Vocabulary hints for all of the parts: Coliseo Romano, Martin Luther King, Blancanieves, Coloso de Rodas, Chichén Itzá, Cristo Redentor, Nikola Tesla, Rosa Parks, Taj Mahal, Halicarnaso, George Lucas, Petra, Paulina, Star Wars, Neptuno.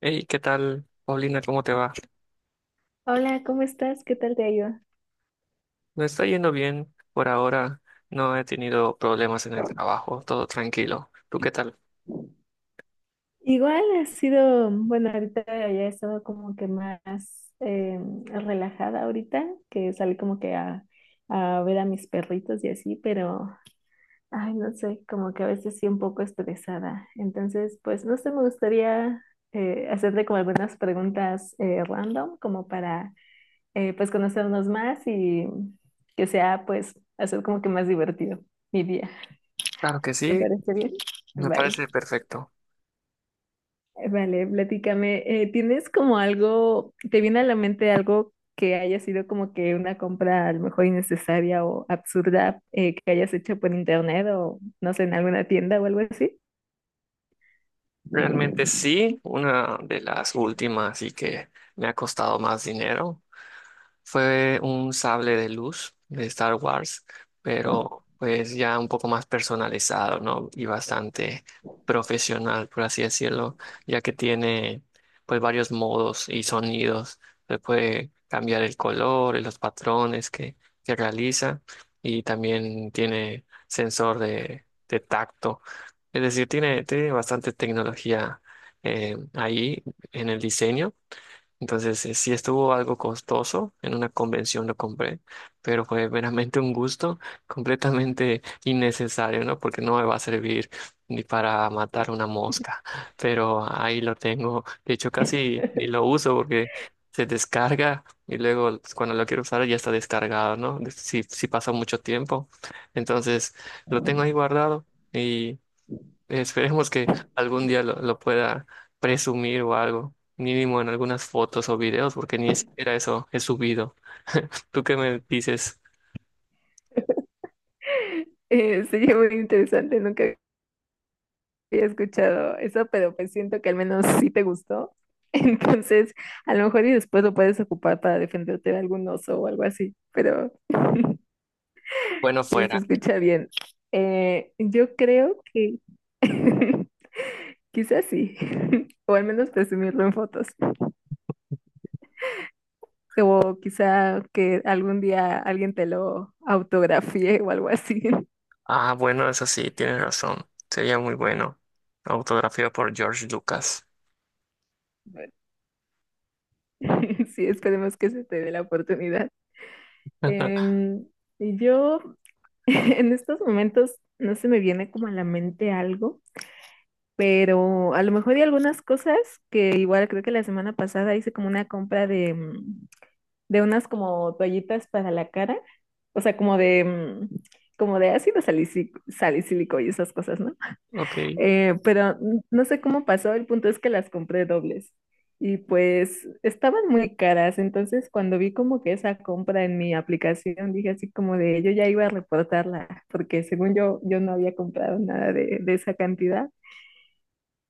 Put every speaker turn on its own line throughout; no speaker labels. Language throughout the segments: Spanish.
Hey, ¿qué tal, Paulina? ¿Cómo te va?
Hola, ¿cómo estás? ¿Qué tal te ha ido?
Me está yendo bien por ahora. No he tenido problemas en el trabajo, todo tranquilo. ¿Tú qué tal?
Igual ha sido, bueno, ahorita ya he estado como que más eh, relajada ahorita, que salí como que a ver a mis perritos y así, pero, ay, no sé, como que a veces sí un poco estresada. Entonces, pues, no sé, me gustaría hacerte como algunas preguntas random, como pues, conocernos más y que sea, pues, hacer como que más divertido mi día.
Claro que
¿Te
sí,
parece bien?
me
Vale.
parece perfecto.
Vale, platícame. ¿Tienes como algo, te viene a la mente algo que haya sido como que una compra a lo mejor innecesaria o absurda que hayas hecho por internet o no sé, en alguna tienda o algo así?
Realmente sí, una de las últimas y que me ha costado más dinero fue un sable de luz de Star Wars, pero pues ya un poco más personalizado, ¿no? Y bastante profesional, por así decirlo, ya que tiene pues varios modos y sonidos. Se puede cambiar el color y los patrones que realiza, y también tiene sensor de tacto. Es decir, tiene bastante tecnología ahí en el diseño. Entonces, sí estuvo algo costoso, en una convención lo compré, pero fue veramente un gusto completamente innecesario, ¿no? Porque no me va a servir ni para matar una mosca, pero ahí lo tengo. De hecho, casi ni lo uso porque se descarga y luego pues, cuando lo quiero usar ya está descargado, ¿no? Si, si pasa mucho tiempo. Entonces, lo tengo ahí guardado. Esperemos que algún día lo pueda presumir o algo, mínimo en algunas fotos o videos, porque ni siquiera eso he subido. ¿Tú qué me dices?
Sería muy interesante, nunca había escuchado eso, pero pues siento que al menos sí te gustó. Entonces, a lo mejor y después lo puedes ocupar para defenderte de algún oso o algo así, pero
Bueno,
sí se
fuera.
escucha bien. Yo creo que quizás sí, o al menos presumirlo en fotos, o quizá que algún día alguien te lo autografíe o algo así.
Ah, bueno, eso sí, tienes razón. Sería muy bueno. Autografía por George Lucas.
Bueno, sí, esperemos que se te dé la oportunidad. Em, y yo en estos momentos no se me viene como a la mente algo, pero a lo mejor hay algunas cosas que igual creo que la semana pasada hice como una compra de unas como toallitas para la cara, o sea, como de salicílico y esas cosas, ¿no?
Ok.
Pero no sé cómo pasó, el punto es que las compré dobles y pues estaban muy caras, entonces cuando vi como que esa compra en mi aplicación, dije así como de yo ya iba a reportarla, porque según yo no había comprado nada de esa cantidad.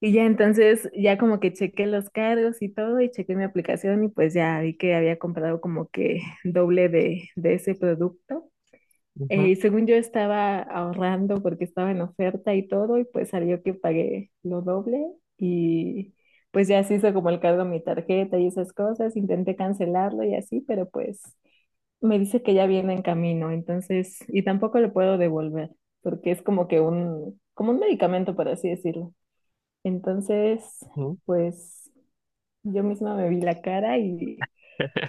Y ya entonces, ya como que chequé los cargos y todo, y chequé mi aplicación y pues ya vi que había comprado como que doble de ese producto.
Ujú,
Según yo estaba ahorrando porque estaba en oferta y todo, y pues salió que pagué lo doble y pues ya se hizo como el cargo a mi tarjeta y esas cosas, intenté cancelarlo y así, pero pues me dice que ya viene en camino, entonces, y tampoco lo puedo devolver porque es como que como un medicamento, por así decirlo. Entonces,
ujú.
pues yo misma me vi la cara y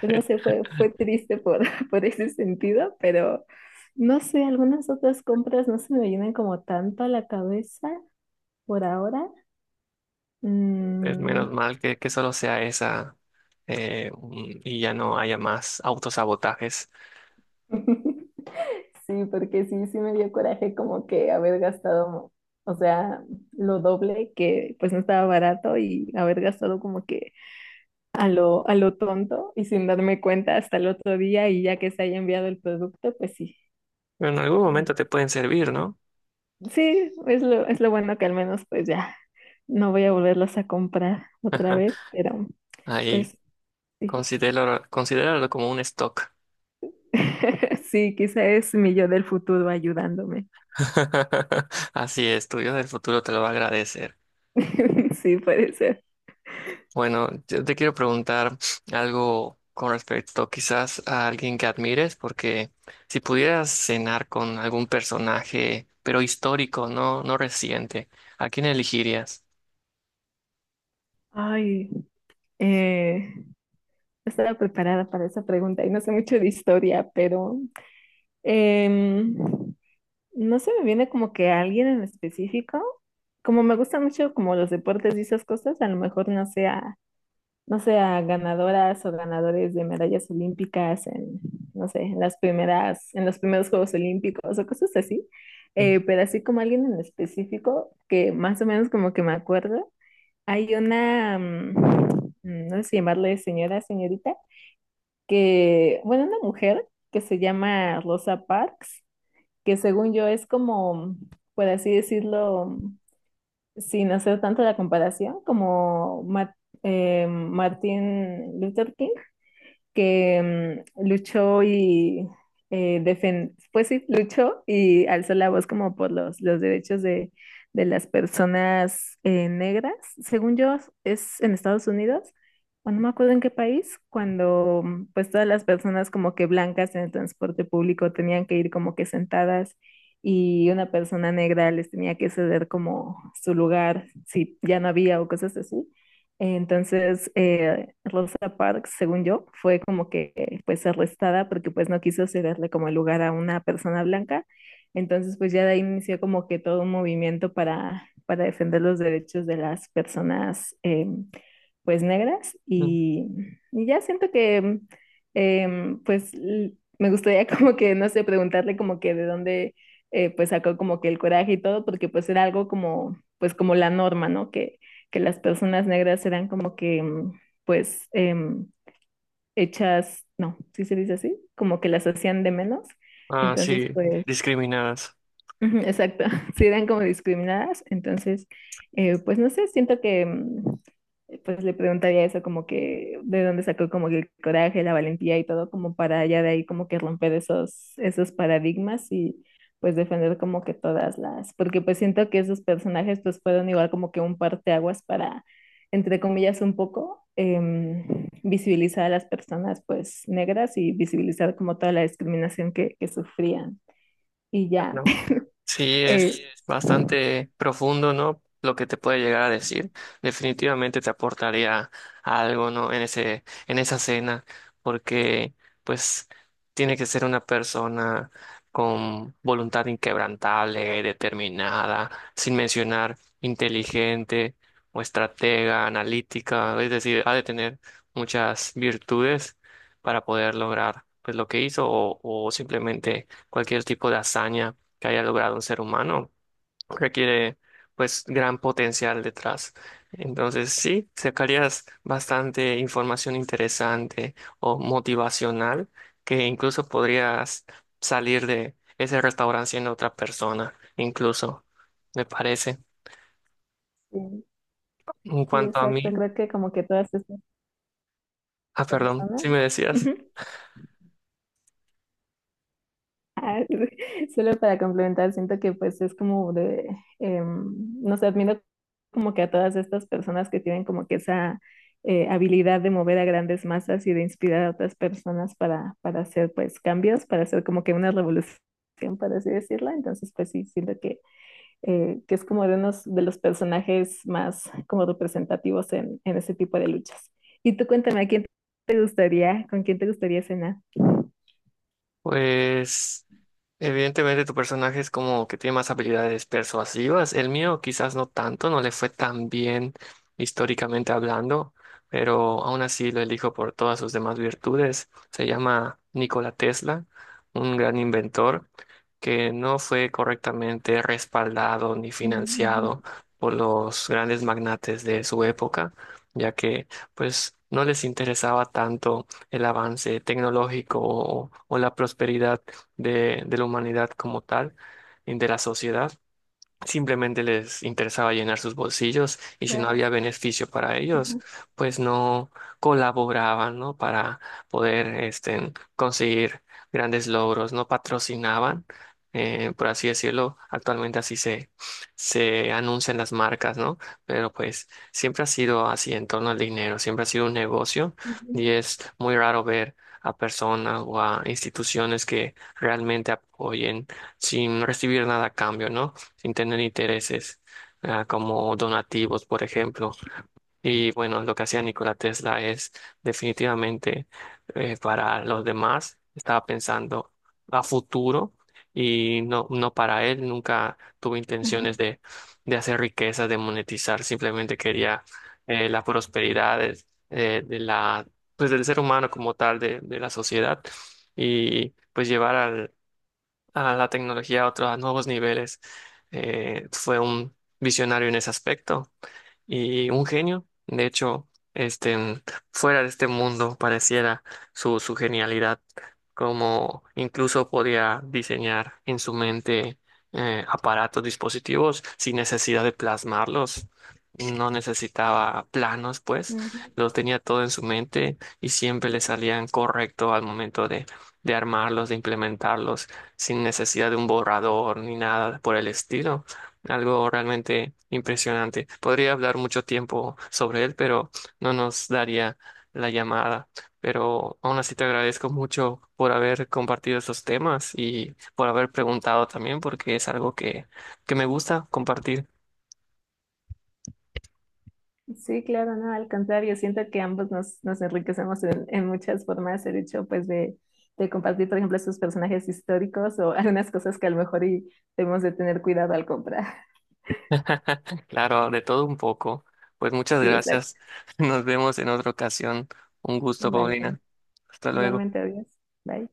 pues no sé, fue triste por, por ese sentido, pero no sé, algunas otras compras no se me vienen como tanto a la cabeza por ahora.
Pues menos
Mm.
mal que solo sea esa y ya no haya más autosabotajes.
Sí, porque sí, sí me dio coraje como que haber gastado, o sea, lo doble que pues no estaba barato y haber gastado como que a lo tonto y sin darme cuenta hasta el otro día y ya que se haya enviado el producto, pues sí.
Pero en algún momento te pueden servir, ¿no?
Sí, es lo bueno que al menos pues ya no voy a volverlos a comprar otra vez, pero
Ahí
pues sí.
considéralo, considéralo como un stock.
Sí, quizá es mi yo del futuro ayudándome.
Así es, tu yo del futuro te lo va a agradecer.
Sí, puede ser.
Bueno, yo te quiero preguntar algo con respecto quizás a alguien que admires, porque si pudieras cenar con algún personaje, pero histórico, no, no reciente, ¿a quién elegirías?
Ay, no estaba preparada para esa pregunta y no sé mucho de historia, pero em, no se me viene como que alguien en específico. Como me gusta mucho como los deportes y esas cosas, a lo mejor no sea no sé, a ganadoras o ganadores de medallas olímpicas en, no sé, en las primeras, en los primeros Juegos Olímpicos o cosas así. Pero así como alguien en específico, que más o menos como que me acuerdo, hay no sé si llamarle señora, señorita, que, bueno, una mujer que se llama Rosa Parks, que según yo es como, por así decirlo, sin hacer tanto la comparación, como Martin Luther King, que luchó y pues sí, luchó y alzó la voz como por los derechos de las personas negras. Según yo, es en Estados Unidos, o no me acuerdo en qué país, cuando pues todas las personas como que blancas en el transporte público tenían que ir como que sentadas y una persona negra les tenía que ceder como su lugar si ya no había o cosas así. Entonces, Rosa Parks, según yo, fue como que pues arrestada porque pues no quiso cederle como el lugar a una persona blanca. Entonces, pues ya de ahí inició como que todo un movimiento para defender los derechos de las personas pues negras.
Mm.
Y ya siento que eh, pues l- me gustaría como que, no sé, preguntarle como que de dónde pues sacó como que el coraje y todo, porque pues era algo como pues como la norma, ¿no? Que las personas negras eran como pues, hechas, no, si ¿sí se dice así, como que las hacían de menos.
Ah,
Entonces,
sí,
pues,
discriminadas.
ujú, exacto, si eran como discriminadas. Entonces, pues no sé, siento que pues le preguntaría eso como que de dónde sacó como que el coraje, la valentía y todo como para ya de ahí como que romper esos paradigmas y pues defender como que todas las, porque pues siento que esos personajes pues fueron igual como que un parteaguas entre comillas, un poco visibilizar a las personas pues negras y visibilizar como toda la discriminación que sufrían. Y ya,
¿No? Sí,
Eh,
es bastante profundo, ¿no? Lo que te puede llegar a decir. Definitivamente te aportaría algo, ¿no? En ese, en esa cena, porque pues tiene que ser una persona con voluntad inquebrantable, determinada, sin mencionar inteligente o estratega, analítica, es decir, ha de tener muchas virtudes para poder lograr pues lo que hizo o o simplemente cualquier tipo de hazaña que haya logrado un ser humano requiere pues gran potencial detrás. Entonces sí, sacarías bastante información interesante o motivacional que incluso podrías salir de ese restaurante siendo otra persona, incluso, me parece.
sí,
En
sí,
cuanto a
exacto,
mí,
creo que como que todas estas
ah, perdón,
personas.
si me decías,
Ujú. Ah, solo para complementar, siento que pues es como no sé, admiro como que a todas estas personas que tienen como que esa habilidad de mover a grandes masas y de inspirar a otras personas para hacer pues cambios, para hacer como que una revolución, por así decirlo. Entonces pues sí, siento que es como de unos de los personajes más como representativos en ese tipo de luchas. Y tú cuéntame, ¿a quién te gustaría, con quién te gustaría cenar?
pues... Evidentemente tu personaje es como que tiene más habilidades persuasivas. El mío quizás no tanto, no le fue tan bien históricamente hablando, pero aún así lo elijo por todas sus demás virtudes. Se llama Nikola Tesla, un gran inventor que no fue correctamente respaldado ni
Mm,
financiado
ujú,
por los grandes magnates de su época, ya que pues no les interesaba tanto el avance tecnológico o la prosperidad de la humanidad como tal, y de la sociedad. Simplemente les interesaba llenar sus bolsillos y si no
claro.
había beneficio para
Ajá,
ellos, pues no colaboraban, ¿no? Para poder este, conseguir grandes logros, no patrocinaban, por así decirlo. Actualmente se anuncian las marcas, ¿no? Pero pues siempre ha sido así en torno al dinero, siempre ha sido un negocio
ajá,
y es muy raro ver a personas o a instituciones que realmente apoyen sin recibir nada a cambio, ¿no? Sin tener intereses, ah, como donativos, por ejemplo. Y bueno, lo que hacía Nikola Tesla es definitivamente para los demás, estaba pensando a futuro y no, no para él, nunca tuvo
ajá,
intenciones de hacer riqueza, de monetizar, simplemente quería la prosperidad de la, pues del ser humano como tal, de la sociedad y pues llevar al a la tecnología a otros, a nuevos niveles. Fue un visionario en ese aspecto y un genio. De hecho, este, fuera de este mundo pareciera su genialidad, como incluso podía diseñar en su mente aparatos, dispositivos sin necesidad de plasmarlos. No necesitaba planos, pues,
ajá.
lo tenía todo en su mente y siempre le salían correcto al momento de armarlos, de implementarlos, sin necesidad de un borrador ni nada por el estilo. Algo realmente impresionante. Podría hablar mucho tiempo sobre él, pero no nos daría la llamada. Pero aún así te agradezco mucho por haber compartido estos temas y por haber preguntado también, porque es algo que me gusta compartir.
Sí, claro, no, al contrario, siento que ambos nos enriquecemos en muchas formas, el hecho pues de compartir, por ejemplo, esos personajes históricos o algunas cosas que a lo mejor y debemos de tener cuidado al comprar.
Claro, de todo un poco. Pues muchas
Sí, exacto.
gracias. Nos vemos en otra ocasión. Un gusto,
Vale,
Paulina. Hasta luego.
igualmente, adiós. Bye.